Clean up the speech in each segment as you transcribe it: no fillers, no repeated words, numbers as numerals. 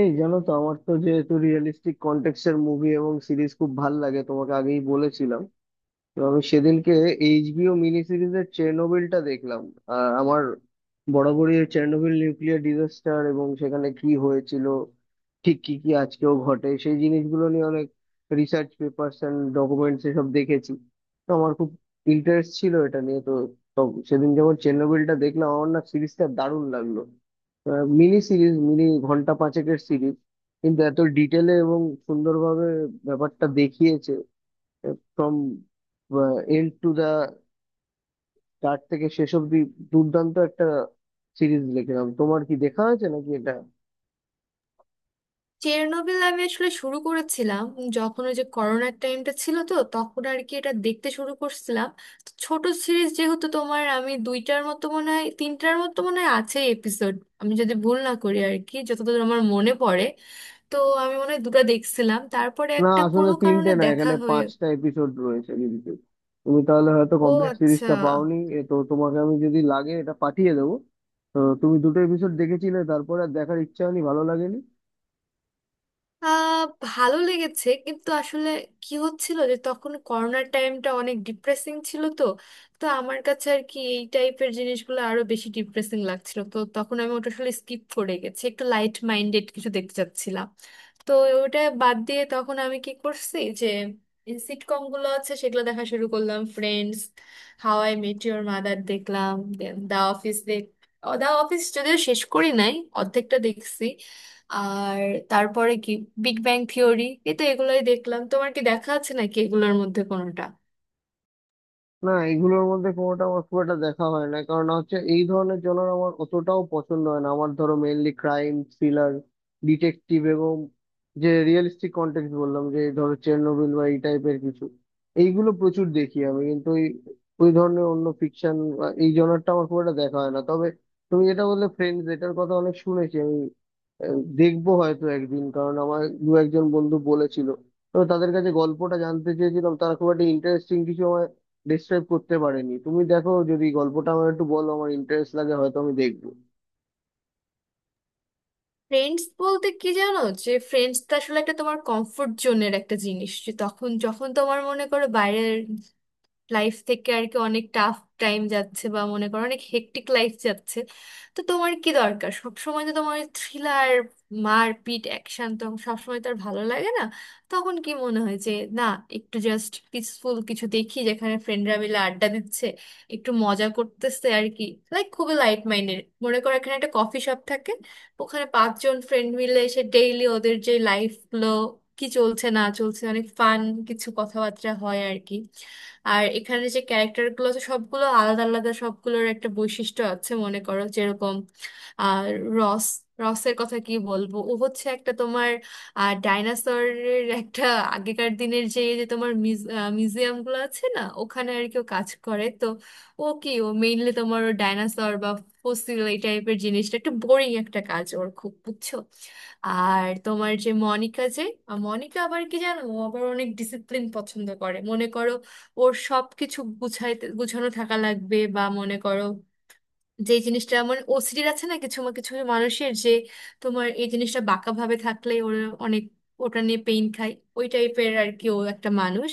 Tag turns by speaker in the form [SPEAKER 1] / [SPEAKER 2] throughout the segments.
[SPEAKER 1] এই জানো তো, আমার তো যেহেতু রিয়েলিস্টিক কন্টেক্সট এর মুভি এবং সিরিজ খুব ভাল লাগে, তোমাকে আগেই বলেছিলাম। তো আমি সেদিনকে এইচবিও মিনি সিরিজের চেরনোবিলটা দেখলাম। আমার বরাবরই এই চেরনোবিল নিউক্লিয়ার ডিজাস্টার এবং সেখানে কি হয়েছিল, ঠিক কি কি আজকেও ঘটে, সেই জিনিসগুলো নিয়ে অনেক রিসার্চ পেপারস এন্ড ডকুমেন্টস এসব দেখেছি। তো আমার খুব ইন্টারেস্ট ছিল এটা নিয়ে। তো তো সেদিন যখন চেরনোবিলটা দেখলাম, আমার না সিরিজটা দারুণ লাগলো। মিনি সিরিজ, মিনি ঘন্টা পাঁচেকের সিরিজ, কিন্তু এত ডিটেলে এবং সুন্দরভাবে ব্যাপারটা দেখিয়েছে। From end to the, start থেকে শেষ অব্দি দুর্দান্ত একটা সিরিজ দেখলাম। তোমার কি দেখা হয়েছে নাকি এটা?
[SPEAKER 2] চেরনোবিল আমি আসলে শুরু করেছিলাম যখন ওই যে করোনার টাইমটা ছিল, তো তখন আর কি এটা দেখতে শুরু করছিলাম। তো ছোট সিরিজ যেহেতু তোমার, আমি দুইটার মতো মনে হয় তিনটার মতো মনে হয় আছে এপিসোড, আমি যদি ভুল না করি আর কি, যতদূর আমার মনে পড়ে। তো আমি মনে হয় দুটো দেখছিলাম, তারপরে
[SPEAKER 1] না
[SPEAKER 2] একটা
[SPEAKER 1] আসলে
[SPEAKER 2] কোনো
[SPEAKER 1] তিনটে
[SPEAKER 2] কারণে
[SPEAKER 1] না,
[SPEAKER 2] দেখা
[SPEAKER 1] এখানে
[SPEAKER 2] হয়ে।
[SPEAKER 1] পাঁচটা এপিসোড রয়েছে, কিন্তু তুমি তাহলে হয়তো
[SPEAKER 2] ও
[SPEAKER 1] কমপ্লিট
[SPEAKER 2] আচ্ছা।
[SPEAKER 1] সিরিজটা পাওনি। এ তো তোমাকে আমি, যদি লাগে, এটা পাঠিয়ে দেবো। তো তুমি দুটো এপিসোড দেখেছিলে, তারপরে আর দেখার ইচ্ছা হয়নি? ভালো লাগেনি?
[SPEAKER 2] ভালো লেগেছে, কিন্তু আসলে কি হচ্ছিল যে তখন করোনার টাইমটা অনেক ডিপ্রেসিং ছিল, তো তো আমার কাছে আর কি এই টাইপের জিনিসগুলো আরো বেশি ডিপ্রেসিং লাগছিল। তো তখন আমি ওটা আসলে স্কিপ করে গেছি, একটু লাইট মাইন্ডেড কিছু দেখতে চাচ্ছিলাম। তো ওটা বাদ দিয়ে তখন আমি কি করছি যে সিটকম গুলো আছে সেগুলো দেখা শুরু করলাম। Friends, how I met your mother দেখলাম, then দা অফিস দেখ দা অফিস যদিও শেষ করি নাই, অর্ধেকটা দেখছি। আর তারপরে কি, বিগ ব্যাং থিওরি। এই তো এগুলোই দেখলাম, তোমার কি দেখা আছে নাকি এগুলোর মধ্যে কোনোটা?
[SPEAKER 1] না, এগুলোর মধ্যে কোনোটা আমার খুব একটা দেখা হয় না, কারণ হচ্ছে এই ধরনের জনর আমার অতটাও পছন্দ হয় না। আমার ধরো মেইনলি ক্রাইম থ্রিলার, ডিটেকটিভ এবং যে রিয়েলিস্টিক কন্টেক্সট বললাম, যে ধরো চেরনোবিল বা এই টাইপের কিছু, এইগুলো প্রচুর দেখি আমি। কিন্তু ওই ওই ধরনের অন্য ফিকশন, এই জনরটা আমার খুব একটা দেখা হয় না। তবে তুমি যেটা বললে, ফ্রেন্ডস, এটার কথা অনেক শুনেছি আমি। দেখবো হয়তো একদিন, কারণ আমার দু একজন বন্ধু বলেছিল। তো তাদের কাছে গল্পটা জানতে চেয়েছিলাম, তারা খুব একটা ইন্টারেস্টিং কিছু আমার ডিসক্রাইব করতে পারেনি। তুমি দেখো, যদি গল্পটা আমার একটু বলো, আমার ইন্টারেস্ট লাগে, হয়তো আমি দেখবো।
[SPEAKER 2] ফ্রেন্ডস বলতে কি জানো, যে ফ্রেন্ডস তো আসলে একটা তোমার কমফোর্ট জোনের একটা জিনিস। যে তখন যখন তোমার মনে করো বাইরের লাইফ থেকে আর কি অনেক টাফ টাইম যাচ্ছে, বা মনে করো অনেক হেক্টিক লাইফ যাচ্ছে, তো তোমার কি দরকার? সব সময় তো তোমার থ্রিলার, মারপিট, অ্যাকশন তো সবসময় তো আর ভালো লাগে না। তখন কি মনে হয় যে না, একটু জাস্ট পিসফুল কিছু দেখি, যেখানে ফ্রেন্ডরা মিলে আড্ডা দিচ্ছে, একটু মজা করতেছে আর কি। লাইক খুবই লাইট মাইন্ডেড। মনে করো এখানে একটা কফি শপ থাকে, ওখানে পাঁচজন ফ্রেন্ড মিলে এসে ডেইলি ওদের যে লাইফ গুলো কি চলছে না চলছে, অনেক ফান কিছু কথাবার্তা হয় আর কি। আর এখানে যে ক্যারেক্টার গুলো আছে সবগুলো আলাদা আলাদা, সবগুলোর একটা বৈশিষ্ট্য আছে মনে করো। যেরকম আর রস, রসের কথা কি বলবো, ও হচ্ছে একটা তোমার ডাইনোসরের একটা আগেকার দিনের যে যে তোমার মিউজিয়াম গুলো আছে না, ওখানে আর কি ও কাজ করে। তো ও কি, ও মেইনলি তোমার ডাইনোসর বা ফসিল এই টাইপের জিনিসটা, একটু বোরিং একটা কাজ ওর, খুব বুঝছো। আর তোমার যে মনিকা, যে মনিকা আবার কি জানো, ও আবার অনেক ডিসিপ্লিন পছন্দ করে। মনে করো ওর সব কিছু গুছাইতে, গুছানো থাকা লাগবে। বা মনে করো যে জিনিসটা মানে ওসিডির আছে না কিছু কিছু মানুষের, যে তোমার এই জিনিসটা বাঁকা ভাবে থাকলে ওর অনেক, ওটা নিয়ে পেইন খায়, ওই টাইপের আর কি ও একটা মানুষ।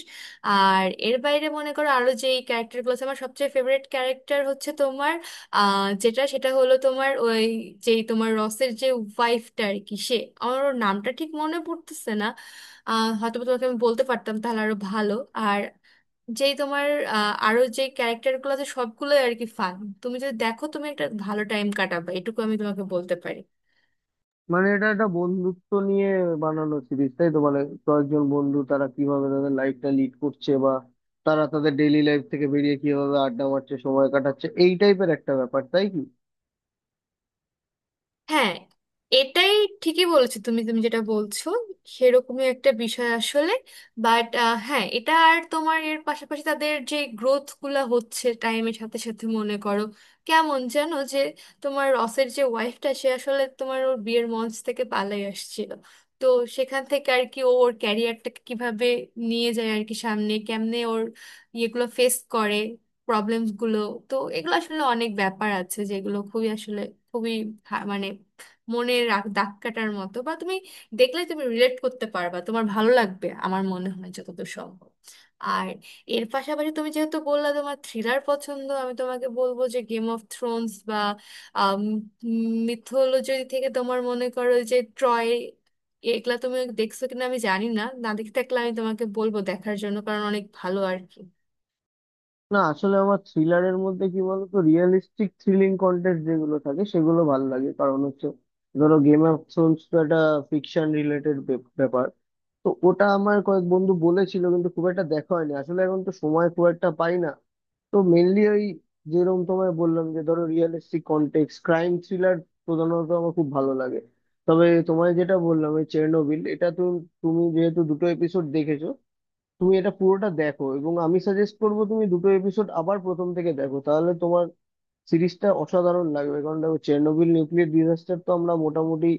[SPEAKER 2] আর এর বাইরে মনে করো আরো যে ক্যারেক্টারগুলো আছে, আমার সবচেয়ে ফেভারিট ক্যারেক্টার হচ্ছে তোমার যেটা, সেটা হলো তোমার ওই যেই তোমার রসের যে ওয়াইফটা আর কি, সে, আমার ওর নামটা ঠিক মনে পড়তেছে না। হয়তো বা তোমাকে আমি বলতে পারতাম তাহলে আরো ভালো। আর যেই তোমার আরো যে ক্যারেক্টার গুলো আছে সবগুলোই আর কি ফান। তুমি যদি দেখো, তুমি একটা ভালো টাইম কাটাবে, এটুকু আমি তোমাকে বলতে পারি।
[SPEAKER 1] মানে এটা একটা বন্ধুত্ব নিয়ে বানানো সিরিজ, তাই তো? মানে কয়েকজন বন্ধু তারা কিভাবে তাদের লাইফটা লিড করছে, বা তারা তাদের ডেইলি লাইফ থেকে বেরিয়ে কিভাবে আড্ডা মারছে, সময় কাটাচ্ছে, এই টাইপের একটা ব্যাপার, তাই কি?
[SPEAKER 2] হ্যাঁ, এটাই, ঠিকই বলেছো তুমি, তুমি যেটা বলছো সেরকমই একটা বিষয় আসলে। বাট হ্যাঁ, এটা আর তোমার এর পাশাপাশি তাদের যে গ্রোথ গুলা হচ্ছে টাইমের সাথে সাথে, মনে করো কেমন জানো যে তোমার রসের যে ওয়াইফটা, সে আসলে তোমার ওর বিয়ের মঞ্চ থেকে পালাই আসছিল। তো সেখান থেকে আর কি ও ওর ক্যারিয়ারটাকে কিভাবে নিয়ে যায় আর কি, সামনে কেমনে ওর ইয়েগুলো ফেস করে, প্রবলেমস গুলো। তো এগুলো আসলে অনেক ব্যাপার আছে যেগুলো খুবই আসলে খুবই মানে দাগ কাটার মতো। বা তুমি দেখলে তুমি রিলেট করতে পারবা, তোমার ভালো লাগবে আমার মনে হয় যতদূর সম্ভব। আর এর পাশাপাশি তুমি যেহেতু বললা তোমার থ্রিলার পছন্দ, আমি তোমাকে বলবো যে গেম অফ থ্রোনস বা মিথোলজি থেকে তোমার মনে করো যে ট্রয়, এগুলা তুমি দেখছো কিনা আমি জানি না। না দেখে থাকলে আমি তোমাকে বলবো দেখার জন্য, কারণ অনেক ভালো আর কি।
[SPEAKER 1] না আসলে আমার থ্রিলারের মধ্যে কি বলতো, রিয়েলিস্টিক থ্রিলিং কন্টেন্ট যেগুলো থাকে সেগুলো ভালো লাগে, কারণ হচ্ছে ধরো গেম অফ থ্রোনস তো একটা ফিকশন রিলেটেড ব্যাপার। তো ওটা আমার কয়েক বন্ধু বলেছিল, কিন্তু খুব একটা দেখা হয়নি আসলে, এখন তো সময় খুব একটা পাই না। তো মেনলি ওই যেরকম তোমায় বললাম, যে ধরো রিয়েলিস্টিক কন্টেক্সট ক্রাইম থ্রিলার প্রধানত আমার খুব ভালো লাগে। তবে তোমায় যেটা বললাম, এই চেরনোবিল, এটা তো, তুমি যেহেতু দুটো এপিসোড দেখেছো, তুমি এটা পুরোটা দেখো, এবং আমি সাজেস্ট করবো তুমি দুটো এপিসোড আবার প্রথম থেকে দেখো, তাহলে তোমার সিরিজটা অসাধারণ লাগবে। কারণ দেখো, চেরনোবিল নিউক্লিয়ার ডিজাস্টার তো আমরা মোটামুটি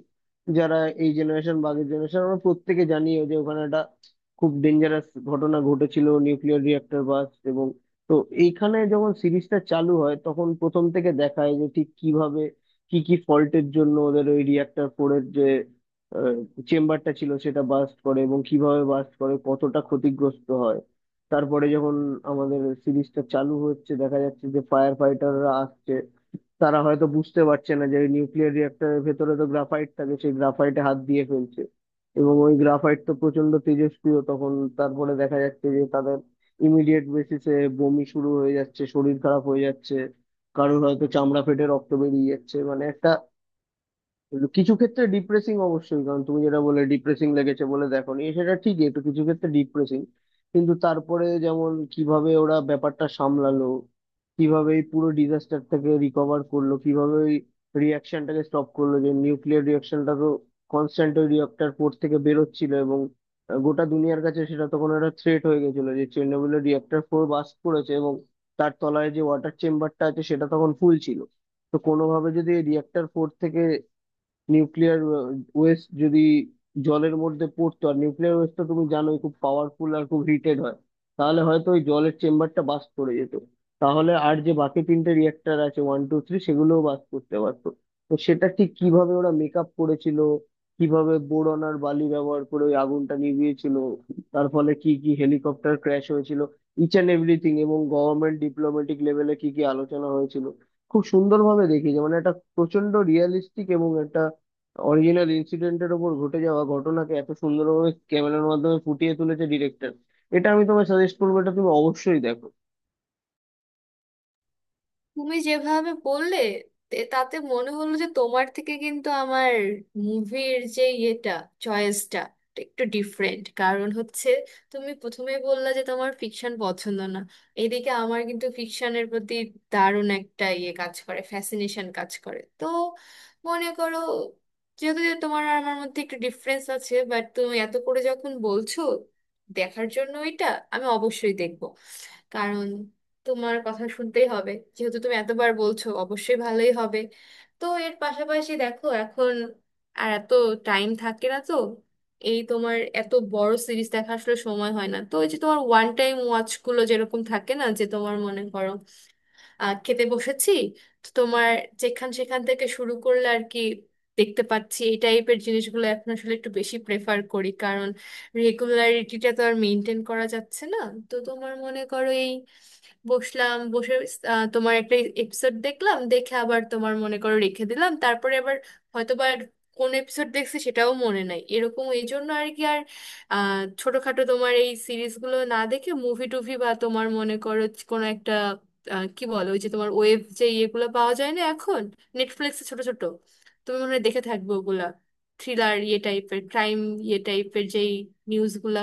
[SPEAKER 1] যারা এই জেনারেশন বা আগের জেনারেশন, আমরা প্রত্যেকে জানি যে ওখানে একটা খুব ডেঞ্জারাস ঘটনা ঘটেছিল, নিউক্লিয়ার রিয়েক্টর বাস্ট এবং, তো এইখানে যখন সিরিজটা চালু হয় তখন প্রথম থেকে দেখায় যে ঠিক কিভাবে, কি কি ফল্টের জন্য ওদের ওই রিয়েক্টর ফোরের যে চেম্বারটা ছিল সেটা বাস্ট করে, এবং কিভাবে বাস্ট করে, কতটা ক্ষতিগ্রস্ত হয়। তারপরে যখন আমাদের সিরিজটা চালু হচ্ছে, দেখা যাচ্ছে যে ফায়ার ফাইটাররা আসছে, তারা হয়তো বুঝতে পারছে না যে নিউক্লিয়ার রিয়েক্টরের ভেতরে তো গ্রাফাইট থাকে, সেই গ্রাফাইটে হাত দিয়ে ফেলছে, এবং ওই গ্রাফাইট তো প্রচন্ড তেজস্ক্রিয় তখন। তারপরে দেখা যাচ্ছে যে তাদের ইমিডিয়েট বেসিসে বমি শুরু হয়ে যাচ্ছে, শরীর খারাপ হয়ে যাচ্ছে, কারোর হয়তো চামড়া ফেটে রক্ত বেরিয়ে যাচ্ছে, মানে একটা, কিন্তু কিছু ক্ষেত্রে ডিপ্রেসিং অবশ্যই, কারণ তুমি যেটা বলে ডিপ্রেসিং লেগেছে বলে দেখো নি, সেটা ঠিকই, একটু কিছু ক্ষেত্রে ডিপ্রেসিং। কিন্তু তারপরে যেমন কিভাবে ওরা ব্যাপারটা সামলালো, কিভাবে এই পুরো ডিজাস্টারটাকে রিকভার করলো, কিভাবে ওই রিয়াকশনটাকে স্টপ করলো, যে নিউক্লিয়ার রিয়াকশনটা তো কনস্ট্যান্ট ওই রিয়েক্টর পোর্ট থেকে বেরোচ্ছিল, এবং গোটা দুনিয়ার কাছে সেটা তখন একটা থ্রেট হয়ে গেছিল, যে চেরনোবিলের রিয়েক্টর ফোর বাস্ট করেছে, এবং তার তলায় যে ওয়াটার চেম্বারটা আছে সেটা তখন ফুল ছিল। তো কোনোভাবে যদি রিয়েক্টর ফোর থেকে নিউক্লিয়ার ওয়েস্ট যদি জলের মধ্যে পড়তো, আর নিউক্লিয়ার ওয়েস্ট তো তুমি জানোই খুব পাওয়ারফুল আর খুব হিটেড হয়, তাহলে হয়তো ওই জলের চেম্বারটা বাস্ট করে যেত। তাহলে আর যে বাকি তিনটে রিয়েক্টর আছে, ওয়ান টু থ্রি, সেগুলোও বাস্ট করতে পারতো। তো সেটা ঠিক কিভাবে ওরা মেকআপ করেছিল, কিভাবে বোরন আর বালি ব্যবহার করে ওই আগুনটা নিভিয়েছিল, তার ফলে কি কি হেলিকপ্টার ক্র্যাশ হয়েছিল, ইচ অ্যান্ড এভরিথিং, এবং গভর্নমেন্ট ডিপ্লোম্যাটিক লেভেলে কি কি আলোচনা হয়েছিল, খুব সুন্দরভাবে দেখিয়েছে। মানে একটা প্রচন্ড রিয়েলিস্টিক এবং একটা অরিজিনাল ইনসিডেন্টের ওপর ঘটে যাওয়া ঘটনাকে এত সুন্দরভাবে ক্যামেরার মাধ্যমে ফুটিয়ে তুলেছে ডিরেক্টর। এটা আমি তোমায় সাজেস্ট করবো, এটা তুমি অবশ্যই দেখো।
[SPEAKER 2] তুমি যেভাবে বললে, তাতে মনে হলো যে তোমার থেকে কিন্তু আমার মুভির যে ইয়েটা, চয়েসটা একটু ডিফারেন্ট। কারণ হচ্ছে তুমি প্রথমে বললা যে তোমার ফিকশন পছন্দ না, এদিকে আমার কিন্তু ফিকশনের প্রতি দারুণ একটা ইয়ে কাজ করে, ফ্যাসিনেশন কাজ করে। তো মনে করো যেহেতু যে তোমার আর আমার মধ্যে একটু ডিফারেন্স আছে, বাট তুমি এত করে যখন বলছো দেখার জন্য, এটা আমি অবশ্যই দেখবো। কারণ তোমার কথা শুনতেই হবে, যেহেতু তুমি এতবার বলছো অবশ্যই ভালোই হবে। তো এর পাশাপাশি দেখো এখন আর এত টাইম থাকে না তো, এই তোমার এত বড় সিরিজ দেখা আসলে সময় হয় না। তো ওই যে তোমার ওয়ান টাইম ওয়াচ গুলো যেরকম থাকে না, যে তোমার মনে করো খেতে বসেছি, তো তোমার যেখান সেখান থেকে শুরু করলে আর কি দেখতে পাচ্ছি, এই টাইপের জিনিসগুলো এখন আসলে একটু বেশি প্রেফার করি। কারণ রেগুলারিটিটা তো আর মেনটেন করা যাচ্ছে না। তো তোমার মনে করো এই বসলাম, বসে তোমার একটা এপিসোড দেখলাম, দেখে আবার তোমার মনে করো রেখে দিলাম, তারপরে আবার হয়তো বা আর কোন এপিসোড দেখছি সেটাও মনে নাই, এরকম। এই জন্য আর কি আর ছোটখাটো তোমার এই সিরিজগুলো না দেখে মুভি টুভি বা তোমার মনে করো কোনো একটা, কি বলো ওই যে তোমার ওয়েব যে ইয়েগুলো পাওয়া যায় না এখন নেটফ্লিক্সে, ছোট ছোট, তুমি মনে হয় দেখে থাকবে ওগুলা, থ্রিলার ইয়ে টাইপের ক্রাইম ইয়ে টাইপের যেই নিউজগুলা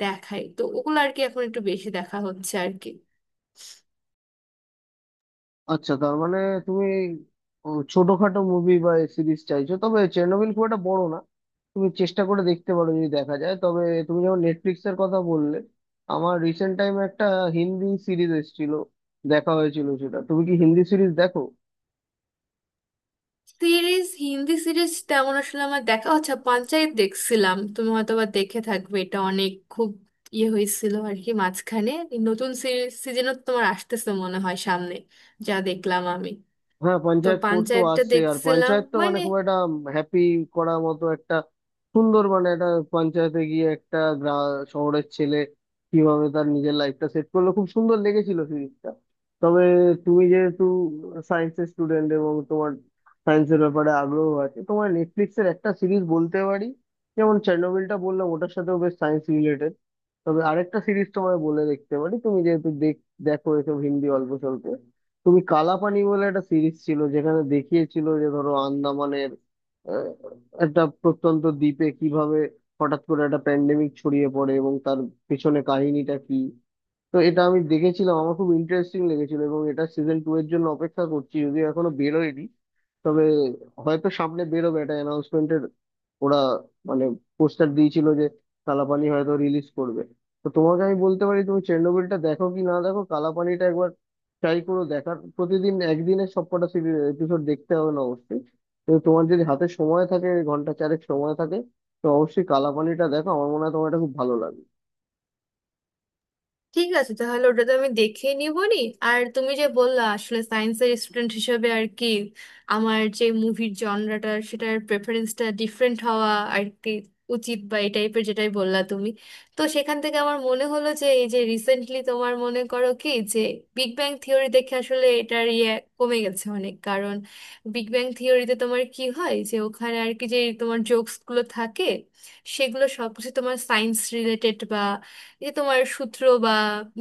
[SPEAKER 2] দেখায়, তো ওগুলো আর কি এখন একটু বেশি দেখা হচ্ছে আর কি।
[SPEAKER 1] আচ্ছা, তার মানে তুমি, ও, ছোটখাটো মুভি বা সিরিজ চাইছো। তবে চেরনোবিল খুব একটা বড় না, তুমি চেষ্টা করে দেখতে পারো, যদি দেখা যায় তবে। তুমি যখন নেটফ্লিক্স এর কথা বললে, আমার রিসেন্ট টাইমে একটা হিন্দি সিরিজ এসেছিল, দেখা হয়েছিল সেটা। তুমি কি হিন্দি সিরিজ দেখো?
[SPEAKER 2] সিরিজ, হিন্দি সিরিজ তেমন আসলে আমার দেখা। আচ্ছা পঞ্চায়েত দেখছিলাম, তুমি হয়তো বা দেখে থাকবে, এটা অনেক খুব ইয়ে হয়েছিল আর কি। মাঝখানে এই নতুন সিরিজ সিজনও তোমার আসতেছে মনে হয় সামনে, যা দেখলাম আমি।
[SPEAKER 1] হ্যাঁ,
[SPEAKER 2] তো
[SPEAKER 1] পঞ্চায়েত ফোর্ড তো
[SPEAKER 2] পঞ্চায়েতটা
[SPEAKER 1] আসছে, আর
[SPEAKER 2] দেখছিলাম
[SPEAKER 1] পঞ্চায়েত তো মানে
[SPEAKER 2] মানে।
[SPEAKER 1] খুব একটা হ্যাপি করার মতো একটা সুন্দর, মানে একটা পঞ্চায়েতে গিয়ে একটা শহরের ছেলে কিভাবে তার নিজের লাইফটা সেট করলো, খুব সুন্দর লেগেছিল সিরিজটা। তবে তুমি যেহেতু সায়েন্সের স্টুডেন্ট এবং তোমার সায়েন্সের ব্যাপারে আগ্রহ আছে, তোমার নেটফ্লিক্সের একটা সিরিজ বলতে পারি। যেমন চেরনোবিলটা বললাম, ওটার সাথেও বেশ সায়েন্স রিলেটেড, তবে আরেকটা সিরিজ তোমায় বলে দেখতে পারি, তুমি যেহেতু দেখ, দেখো এসব হিন্দি অল্প স্বল্প। তুমি কালাপানি বলে একটা সিরিজ ছিল, যেখানে দেখিয়েছিল যে ধরো আন্দামানের আহ, একটা প্রত্যন্ত দ্বীপে কিভাবে হঠাৎ করে একটা প্যান্ডেমিক ছড়িয়ে পড়ে, এবং তার পেছনে কাহিনীটা কি। তো এটা আমি দেখেছিলাম, আমার খুব ইন্টারেস্টিং লেগেছিল, এবং এটা সিজন টু এর জন্য অপেক্ষা করছি, যদিও এখনো বেরোয়নি। তবে হয়তো সামনে বেরোবে, এটা অ্যানাউন্সমেন্টের, ওরা মানে পোস্টার দিয়েছিল যে কালাপানি হয়তো রিলিজ করবে। তো তোমাকে আমি বলতে পারি, তুমি চেরনোবিলটা দেখো কি না দেখো, কালাপানিটা একবার ট্রাই করো দেখার। প্রতিদিন একদিনে সবকটা এপিসোড দেখতে হবে না অবশ্যই। তো তোমার যদি হাতে সময় থাকে, ঘন্টা চারেক সময় থাকে, তো অবশ্যই কালাপানিটা দেখো, আমার মনে হয় তোমার এটা খুব ভালো লাগবে।
[SPEAKER 2] ঠিক আছে, তাহলে ওটা তো আমি দেখে নিবনি। আর তুমি যে বললা আসলে সায়েন্সের স্টুডেন্ট হিসেবে আর কি আমার যে মুভির জনরাটা, সেটার প্রেফারেন্সটা ডিফারেন্ট হওয়া আর কি উচিত, বা এই টাইপের যেটাই বললা তুমি। তো সেখান থেকে আমার মনে হলো যে এই যে রিসেন্টলি তোমার মনে করো কি যে বিগ ব্যাং থিওরি দেখে আসলে এটার ইয়ে কমে গেছে অনেক। কারণ বিগ ব্যাং থিওরিতে তোমার কি হয় যে ওখানে আর কি যে তোমার জোকসগুলো থাকে সেগুলো সবকিছু তোমার সায়েন্স রিলেটেড। যে তোমার সূত্র বা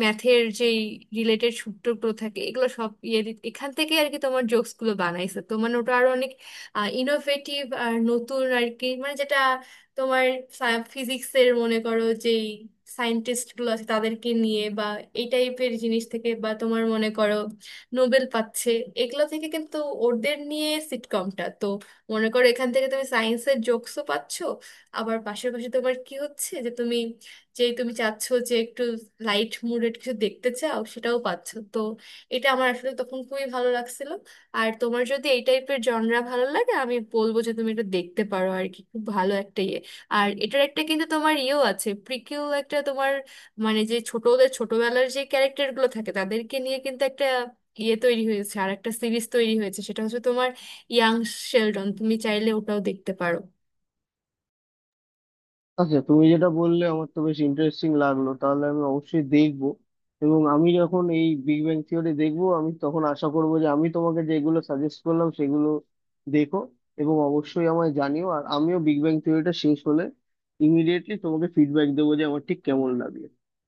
[SPEAKER 2] ম্যাথের যেই রিলেটেড সূত্রগুলো থাকে, এগুলো সব ইয়ে এখান থেকে আর কি তোমার জোকসগুলো বানাইছে। তো মানে ওটা আরো অনেক ইনোভেটিভ আর নতুন আর কি, মানে যেটা তোমার ফিজিক্সের মনে করো যেই সায়েন্টিস্ট গুলো আছে তাদেরকে নিয়ে, বা এই টাইপের জিনিস থেকে, বা তোমার মনে করো নোবেল পাচ্ছে এগুলো থেকে। কিন্তু ওদের নিয়ে সিটকমটা তো মনে করো, এখান থেকে তুমি সায়েন্সের জোকসও পাচ্ছ, আবার পাশাপাশি তোমার কি হচ্ছে যে তুমি, যে তুমি চাচ্ছো যে একটু লাইট মুডেড কিছু দেখতে চাও সেটাও পাচ্ছ। তো এটা আমার আসলে তখন খুবই ভালো লাগছিল। আর তোমার যদি এই টাইপের জনরা ভালো লাগে, আমি বলবো যে তুমি এটা দেখতে পারো আর কি, খুব ভালো একটা ইয়ে। আর এটার একটা কিন্তু তোমার ইয়েও আছে, প্রিকিউ একটা তোমার, মানে যে ছোটদের ছোটবেলার যে ক্যারেক্টার গুলো থাকে তাদেরকে নিয়ে কিন্তু একটা ইয়ে তৈরি হয়েছে, আর একটা সিরিজ তৈরি হয়েছে। সেটা হচ্ছে তোমার ইয়াং শেলডন, তুমি চাইলে ওটাও দেখতে পারো।
[SPEAKER 1] আচ্ছা, তুমি যেটা বললে আমার তো বেশ ইন্টারেস্টিং লাগলো, তাহলে আমি অবশ্যই দেখবো। এবং আমি যখন এই বিগ ব্যাং থিওরি দেখবো, আমি তখন আশা করবো যে আমি তোমাকে যেগুলো সাজেস্ট করলাম সেগুলো দেখো, এবং অবশ্যই আমায় জানিও। আর আমিও বিগ ব্যাং থিওরিটা শেষ হলে ইমিডিয়েটলি তোমাকে ফিডব্যাক দেবো যে আমার ঠিক কেমন লাগলো।